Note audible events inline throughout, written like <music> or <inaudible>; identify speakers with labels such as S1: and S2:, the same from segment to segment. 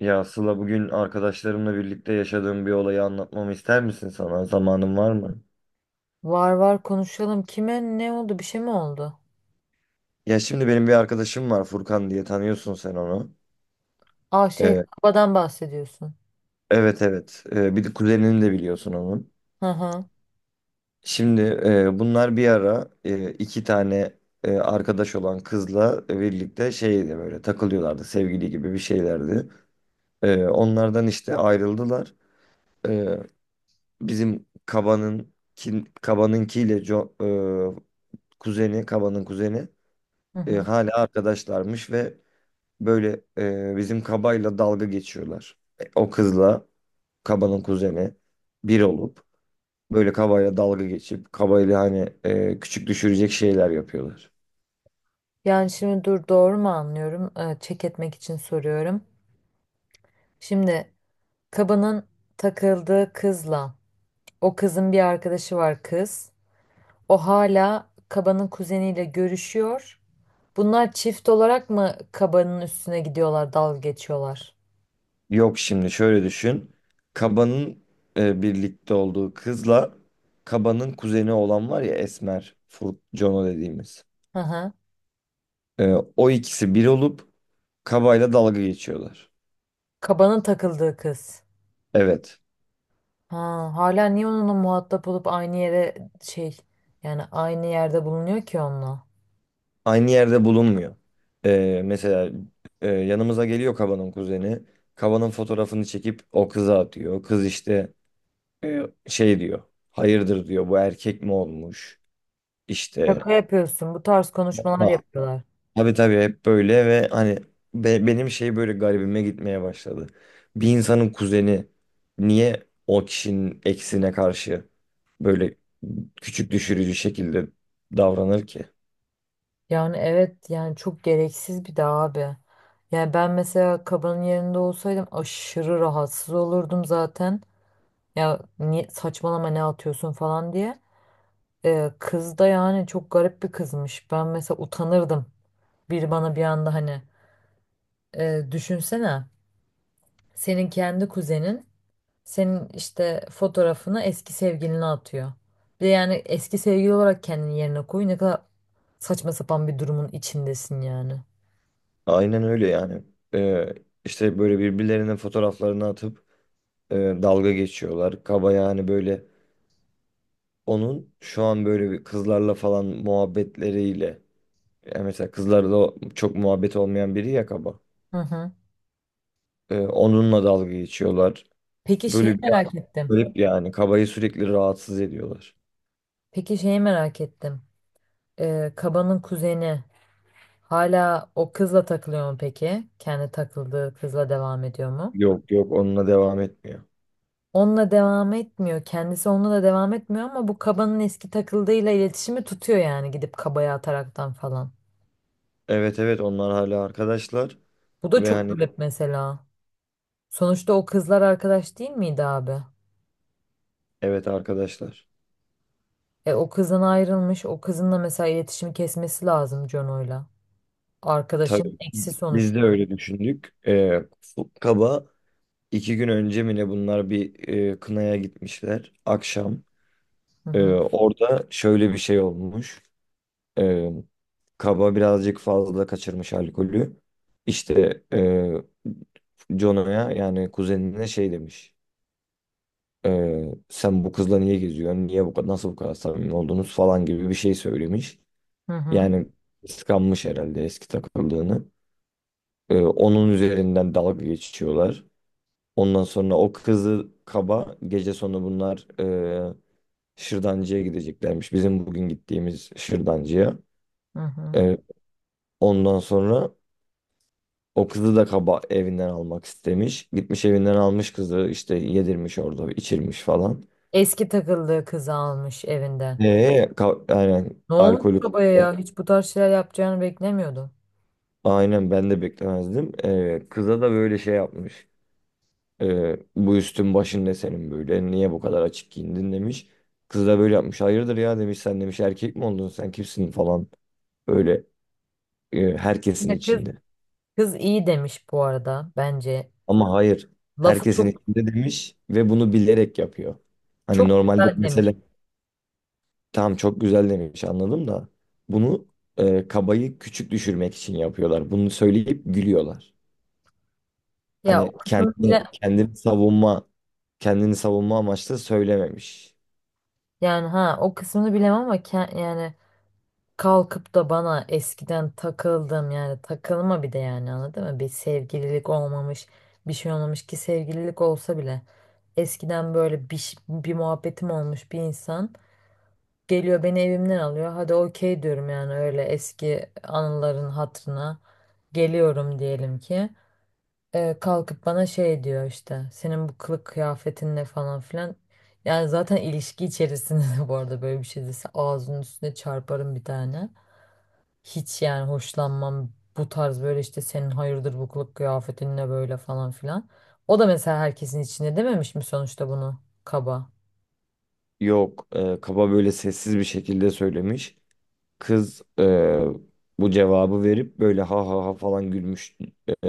S1: Ya Sıla, bugün arkadaşlarımla birlikte yaşadığım bir olayı anlatmamı ister misin sana? Zamanın var mı?
S2: Var var konuşalım. Kime ne oldu? Bir şey mi oldu?
S1: Ya şimdi benim bir arkadaşım var, Furkan diye, tanıyorsun sen onu.
S2: Aa şey
S1: Ee,
S2: babadan bahsediyorsun.
S1: evet evet. Bir de kuzenini de biliyorsun onun.
S2: Hı hı.
S1: Şimdi bunlar bir ara iki tane arkadaş olan kızla birlikte şeydi, böyle takılıyorlardı, sevgili gibi bir şeylerdi. Onlardan işte ayrıldılar. Ee, Bizim Kaba'nınkiyle kuzeni, Kaba'nın kuzeni.
S2: Hı hı.
S1: Hala arkadaşlarmış ve böyle, bizim kabayla dalga geçiyorlar. E, o kızla kabanın kuzeni bir olup böyle kabayla dalga geçip kabayla hani küçük düşürecek şeyler yapıyorlar.
S2: Yani şimdi dur, doğru mu anlıyorum? Çek etmek için soruyorum. Şimdi kabanın takıldığı kızla o kızın bir arkadaşı var kız. O hala kabanın kuzeniyle görüşüyor. Bunlar çift olarak mı kabanın üstüne gidiyorlar, dalga geçiyorlar?
S1: Yok, şimdi şöyle düşün. Kabanın birlikte olduğu kızla kabanın kuzeni olan var ya, Esmer, Jono dediğimiz.
S2: Hı hı.
S1: E, o ikisi bir olup kabayla dalga geçiyorlar.
S2: Kabanın takıldığı kız.
S1: Evet.
S2: Ha, hala niye onunla muhatap olup aynı yere şey, yani aynı yerde bulunuyor ki onunla?
S1: Aynı yerde bulunmuyor. Mesela yanımıza geliyor Kaba'nın kuzeni. Kaba'nın fotoğrafını çekip o kıza atıyor. Kız işte e, şey diyor. Hayırdır diyor, bu erkek mi olmuş? İşte.
S2: Şaka yapıyorsun. Bu tarz konuşmalar
S1: Valla.
S2: yapıyorlar.
S1: Tabii tabii, hep böyle ve hani benim şey, böyle garibime gitmeye başladı. Bir insanın kuzeni niye o kişinin eksine karşı böyle küçük düşürücü şekilde davranır ki?
S2: Yani evet, yani çok gereksiz bir de abi. Yani ben mesela kabanın yerinde olsaydım aşırı rahatsız olurdum zaten. Ya niye, saçmalama ne atıyorsun falan diye. Kız da yani çok garip bir kızmış. Ben mesela utanırdım. Biri bana bir anda hani, düşünsene senin kendi kuzenin senin işte fotoğrafını eski sevgiline atıyor. Bir de yani eski sevgili olarak kendini yerine koy. Ne kadar saçma sapan bir durumun içindesin yani.
S1: Aynen öyle yani. Ee, işte böyle birbirlerinin fotoğraflarını atıp dalga geçiyorlar. Kaba yani böyle, onun şu an böyle bir kızlarla falan muhabbetleriyle, yani mesela kızlarla çok muhabbet olmayan biri ya kaba.
S2: Hı hı.
S1: Onunla dalga geçiyorlar.
S2: Peki
S1: Böyle
S2: şeyi
S1: bir
S2: merak ettim.
S1: garip yani, kabayı sürekli rahatsız ediyorlar.
S2: Peki şeyi merak ettim. Kaba'nın kuzeni hala o kızla takılıyor mu peki? Kendi takıldığı kızla devam ediyor mu?
S1: Yok yok, onunla devam etmiyor.
S2: Onunla devam etmiyor. Kendisi onunla da devam etmiyor ama bu Kaba'nın eski takıldığıyla iletişimi tutuyor yani gidip Kaba'ya ataraktan falan.
S1: Evet evet, onlar hala arkadaşlar
S2: Bu da
S1: ve
S2: çok
S1: hani
S2: garip mesela. Sonuçta o kızlar arkadaş değil miydi abi?
S1: evet, arkadaşlar.
S2: E o kızdan ayrılmış. O kızınla mesela iletişimi kesmesi lazım Jono'yla.
S1: Tabii,
S2: Arkadaşın eksi
S1: biz de
S2: sonuçta.
S1: öyle düşündük. Kaba, İki gün önce mi ne, bunlar bir kınaya gitmişler. Akşam
S2: Hı hı.
S1: orada şöyle bir şey olmuş. E, Kaba birazcık fazla kaçırmış alkolü. İşte Jono'ya, yani kuzenine şey demiş. E, Sen bu kızla niye geziyorsun? Niye bu kadar, nasıl bu kadar samimi oldunuz falan gibi bir şey söylemiş.
S2: Hı hı.
S1: Yani kıskanmış herhalde eski takıldığını. E, onun üzerinden dalga geçiyorlar. Ondan sonra o kızı kaba, gece sonu bunlar şırdancıya gideceklermiş. Bizim bugün gittiğimiz şırdancıya.
S2: Hı hı.
S1: E, Ondan sonra o kızı da kaba evinden almak istemiş. Gitmiş, evinden almış kızı, işte yedirmiş orada, içirmiş falan.
S2: Eski takıldığı kızı almış evinden.
S1: Aynen
S2: Ne olmuş
S1: alkolü,
S2: babaya ya? Hiç bu tarz şeyler yapacağını beklemiyordum.
S1: aynen ben de beklemezdim. E, kıza da böyle şey yapmış. Bu üstün başın ne senin böyle? Niye bu kadar açık giyindin demiş. Kız da böyle yapmış. Hayırdır ya demiş, sen demiş erkek mi oldun, sen kimsin falan. Böyle,
S2: Bir
S1: herkesin
S2: de kız,
S1: içinde.
S2: kız iyi demiş bu arada bence.
S1: Ama hayır,
S2: Lafı
S1: herkesin
S2: çok
S1: içinde demiş ve bunu bilerek yapıyor. Hani
S2: çok
S1: normalde
S2: güzel
S1: mesela
S2: demiş.
S1: tamam, çok güzel demiş, anladım da, bunu kabayı küçük düşürmek için yapıyorlar. Bunu söyleyip gülüyorlar.
S2: Ya
S1: Hani
S2: o kısmını bile,
S1: kendini savunma, kendini savunma amaçlı söylememiş.
S2: yani ha o kısmını bilemem ama ke- yani kalkıp da bana eskiden takıldım yani takılma bir de yani, anladın mı? Bir sevgililik olmamış, bir şey olmamış ki, sevgililik olsa bile eskiden böyle bir, ş- bir muhabbetim olmuş bir insan geliyor beni evimden alıyor. Hadi okey diyorum yani, öyle eski anıların hatırına geliyorum diyelim ki. Kalkıp bana şey diyor, işte senin bu kılık kıyafetin ne falan filan. Yani zaten ilişki içerisinde <laughs> bu arada böyle bir şey dese ağzının üstüne çarparım bir tane. Hiç yani hoşlanmam bu tarz, böyle işte senin hayırdır bu kılık kıyafetin ne böyle falan filan. O da mesela herkesin içinde dememiş mi sonuçta bunu kaba.
S1: Yok, kaba böyle sessiz bir şekilde söylemiş. Kız bu cevabı verip böyle ha ha ha falan gülmüş. E,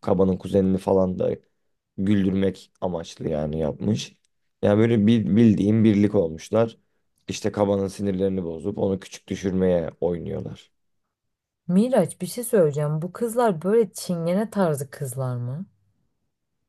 S1: kabanın kuzenini falan da güldürmek amaçlı yani yapmış. Yani böyle bildiğin birlik olmuşlar. İşte kabanın sinirlerini bozup onu küçük düşürmeye oynuyorlar.
S2: Miraç, bir şey söyleyeceğim. Bu kızlar böyle çingene tarzı kızlar mı?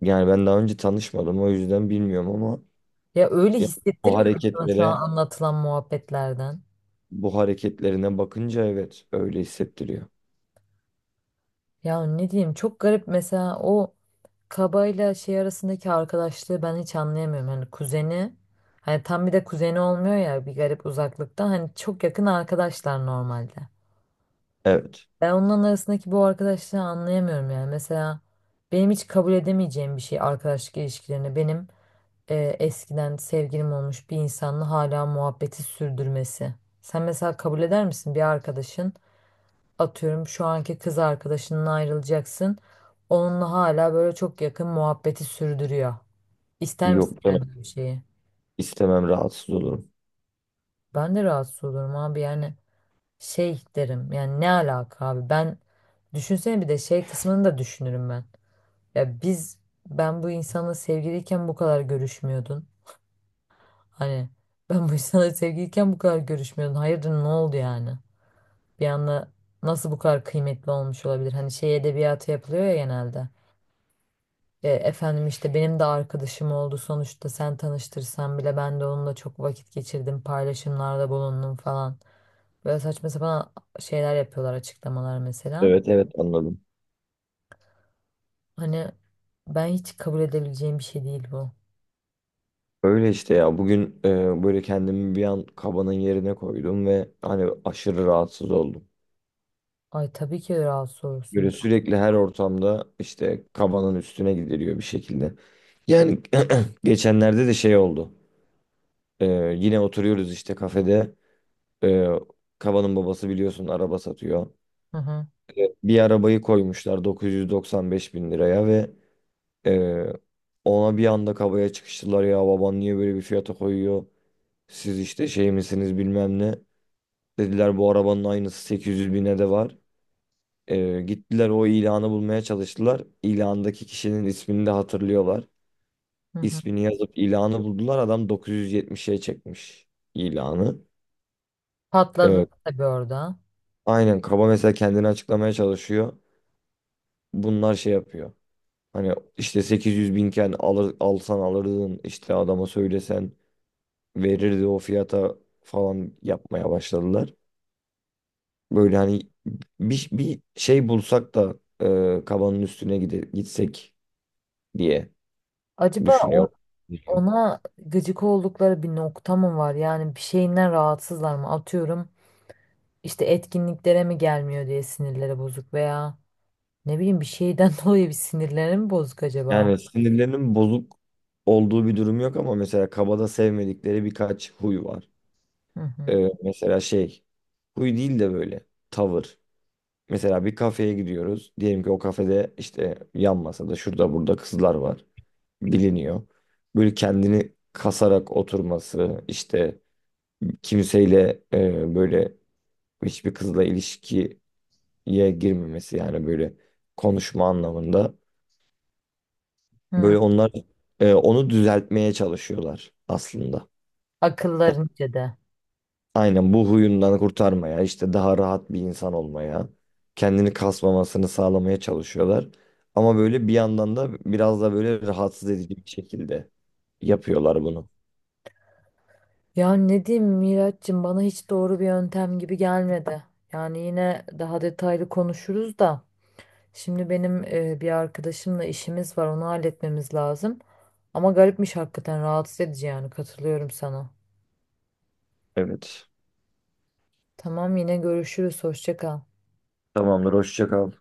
S1: Yani ben daha önce tanışmadım, o yüzden bilmiyorum ama
S2: Ya öyle
S1: ya bu
S2: hissettirmiyor mu sana şu an
S1: hareketlere
S2: anlatılan muhabbetlerden?
S1: bu hareketlerine bakınca evet, öyle hissettiriyor.
S2: Ya ne diyeyim, çok garip mesela o kabayla şey arasındaki arkadaşlığı ben hiç anlayamıyorum. Hani kuzeni, hani tam bir de kuzeni olmuyor ya, bir garip uzaklıktan, hani çok yakın arkadaşlar normalde.
S1: Evet.
S2: Ben onların arasındaki bu arkadaşlığı anlayamıyorum yani. Mesela benim hiç kabul edemeyeceğim bir şey arkadaşlık ilişkilerine, benim eskiden sevgilim olmuş bir insanla hala muhabbeti sürdürmesi. Sen mesela kabul eder misin, bir arkadaşın, atıyorum, şu anki kız arkadaşından ayrılacaksın. Onunla hala böyle çok yakın muhabbeti sürdürüyor. İster misin
S1: Yok.
S2: yani böyle bir şeyi?
S1: İstemem, rahatsız olurum.
S2: Ben de rahatsız olurum abi, yani şey derim yani ne alaka abi, ben düşünsene bir de şey kısmını da düşünürüm ben. Ya biz, ben bu insanla sevgiliyken bu kadar görüşmüyordun. Hani ben bu insanla sevgiliyken bu kadar görüşmüyordun. Hayırdır ne oldu yani? Bir anda nasıl bu kadar kıymetli olmuş olabilir? Hani şey edebiyatı yapılıyor ya genelde. E, efendim işte benim de arkadaşım oldu sonuçta, sen tanıştırsan bile ben de onunla çok vakit geçirdim, paylaşımlarda bulundum falan. Böyle saçma sapan şeyler yapıyorlar, açıklamalar mesela.
S1: Evet evet, anladım.
S2: Hani ben hiç kabul edebileceğim bir şey değil bu.
S1: Öyle işte ya, bugün böyle kendimi bir an kabanın yerine koydum ve hani aşırı rahatsız oldum.
S2: Ay tabii ki rahatsız olursun.
S1: Böyle sürekli her ortamda işte kabanın üstüne gidiliyor bir şekilde. Yani <clears throat> geçenlerde de şey oldu. E, Yine oturuyoruz işte kafede. E, Kabanın babası biliyorsun araba satıyor.
S2: Hı hı,
S1: E, bir arabayı koymuşlar 995 bin liraya ve e, ona bir anda kabaya çıkıştılar, ya baban niye böyle bir fiyata koyuyor? Siz işte şey misiniz, bilmem ne. Dediler bu arabanın aynısı 800 bine de var. Gittiler o ilanı bulmaya çalıştılar. İlandaki kişinin ismini de hatırlıyorlar.
S2: hı hı.
S1: İsmini yazıp ilanı buldular. Adam 970'e çekmiş ilanı.
S2: Patladı
S1: Ee,
S2: tabii orada.
S1: aynen, kaba mesela kendini açıklamaya çalışıyor. Bunlar şey yapıyor. Hani işte 800 binken alsan alırdın, işte adama söylesen verirdi o fiyata falan yapmaya başladılar. Böyle hani bir şey bulsak da kabanın üstüne gitsek diye
S2: Acaba o-
S1: düşünüyorum. Gerekiyor.
S2: ona gıcık oldukları bir nokta mı var? Yani bir şeyinden rahatsızlar mı? Atıyorum işte etkinliklere mi gelmiyor diye sinirleri bozuk, veya ne bileyim bir şeyden <laughs> dolayı bir sinirleri mi bozuk acaba?
S1: Yani sinirlerinin bozuk olduğu bir durum yok ama mesela kabada sevmedikleri birkaç huy var.
S2: Hı hı.
S1: E, mesela şey, huy değil de böyle tavır. Mesela bir kafeye gidiyoruz. Diyelim ki o kafede işte yan masada, şurada burada kızlar var. Biliniyor. Böyle kendini kasarak oturması, işte kimseyle böyle hiçbir kızla ilişkiye girmemesi, yani böyle konuşma anlamında.
S2: Hı.
S1: Böyle onlar onu düzeltmeye çalışıyorlar aslında. Yani
S2: Akıllarınca da.
S1: aynen, bu huyundan kurtarmaya, işte daha rahat bir insan olmaya, kendini kasmamasını sağlamaya çalışıyorlar. Ama böyle bir yandan da biraz da böyle rahatsız edici bir şekilde yapıyorlar bunu.
S2: Ya ne diyeyim Miraç'cığım, bana hiç doğru bir yöntem gibi gelmedi. Yani yine daha detaylı konuşuruz da. Şimdi benim bir arkadaşımla işimiz var, onu halletmemiz lazım. Ama garipmiş hakikaten, rahatsız edici yani, katılıyorum sana.
S1: Evet.
S2: Tamam, yine görüşürüz, hoşça kal.
S1: Tamamdır. Hoşça kal.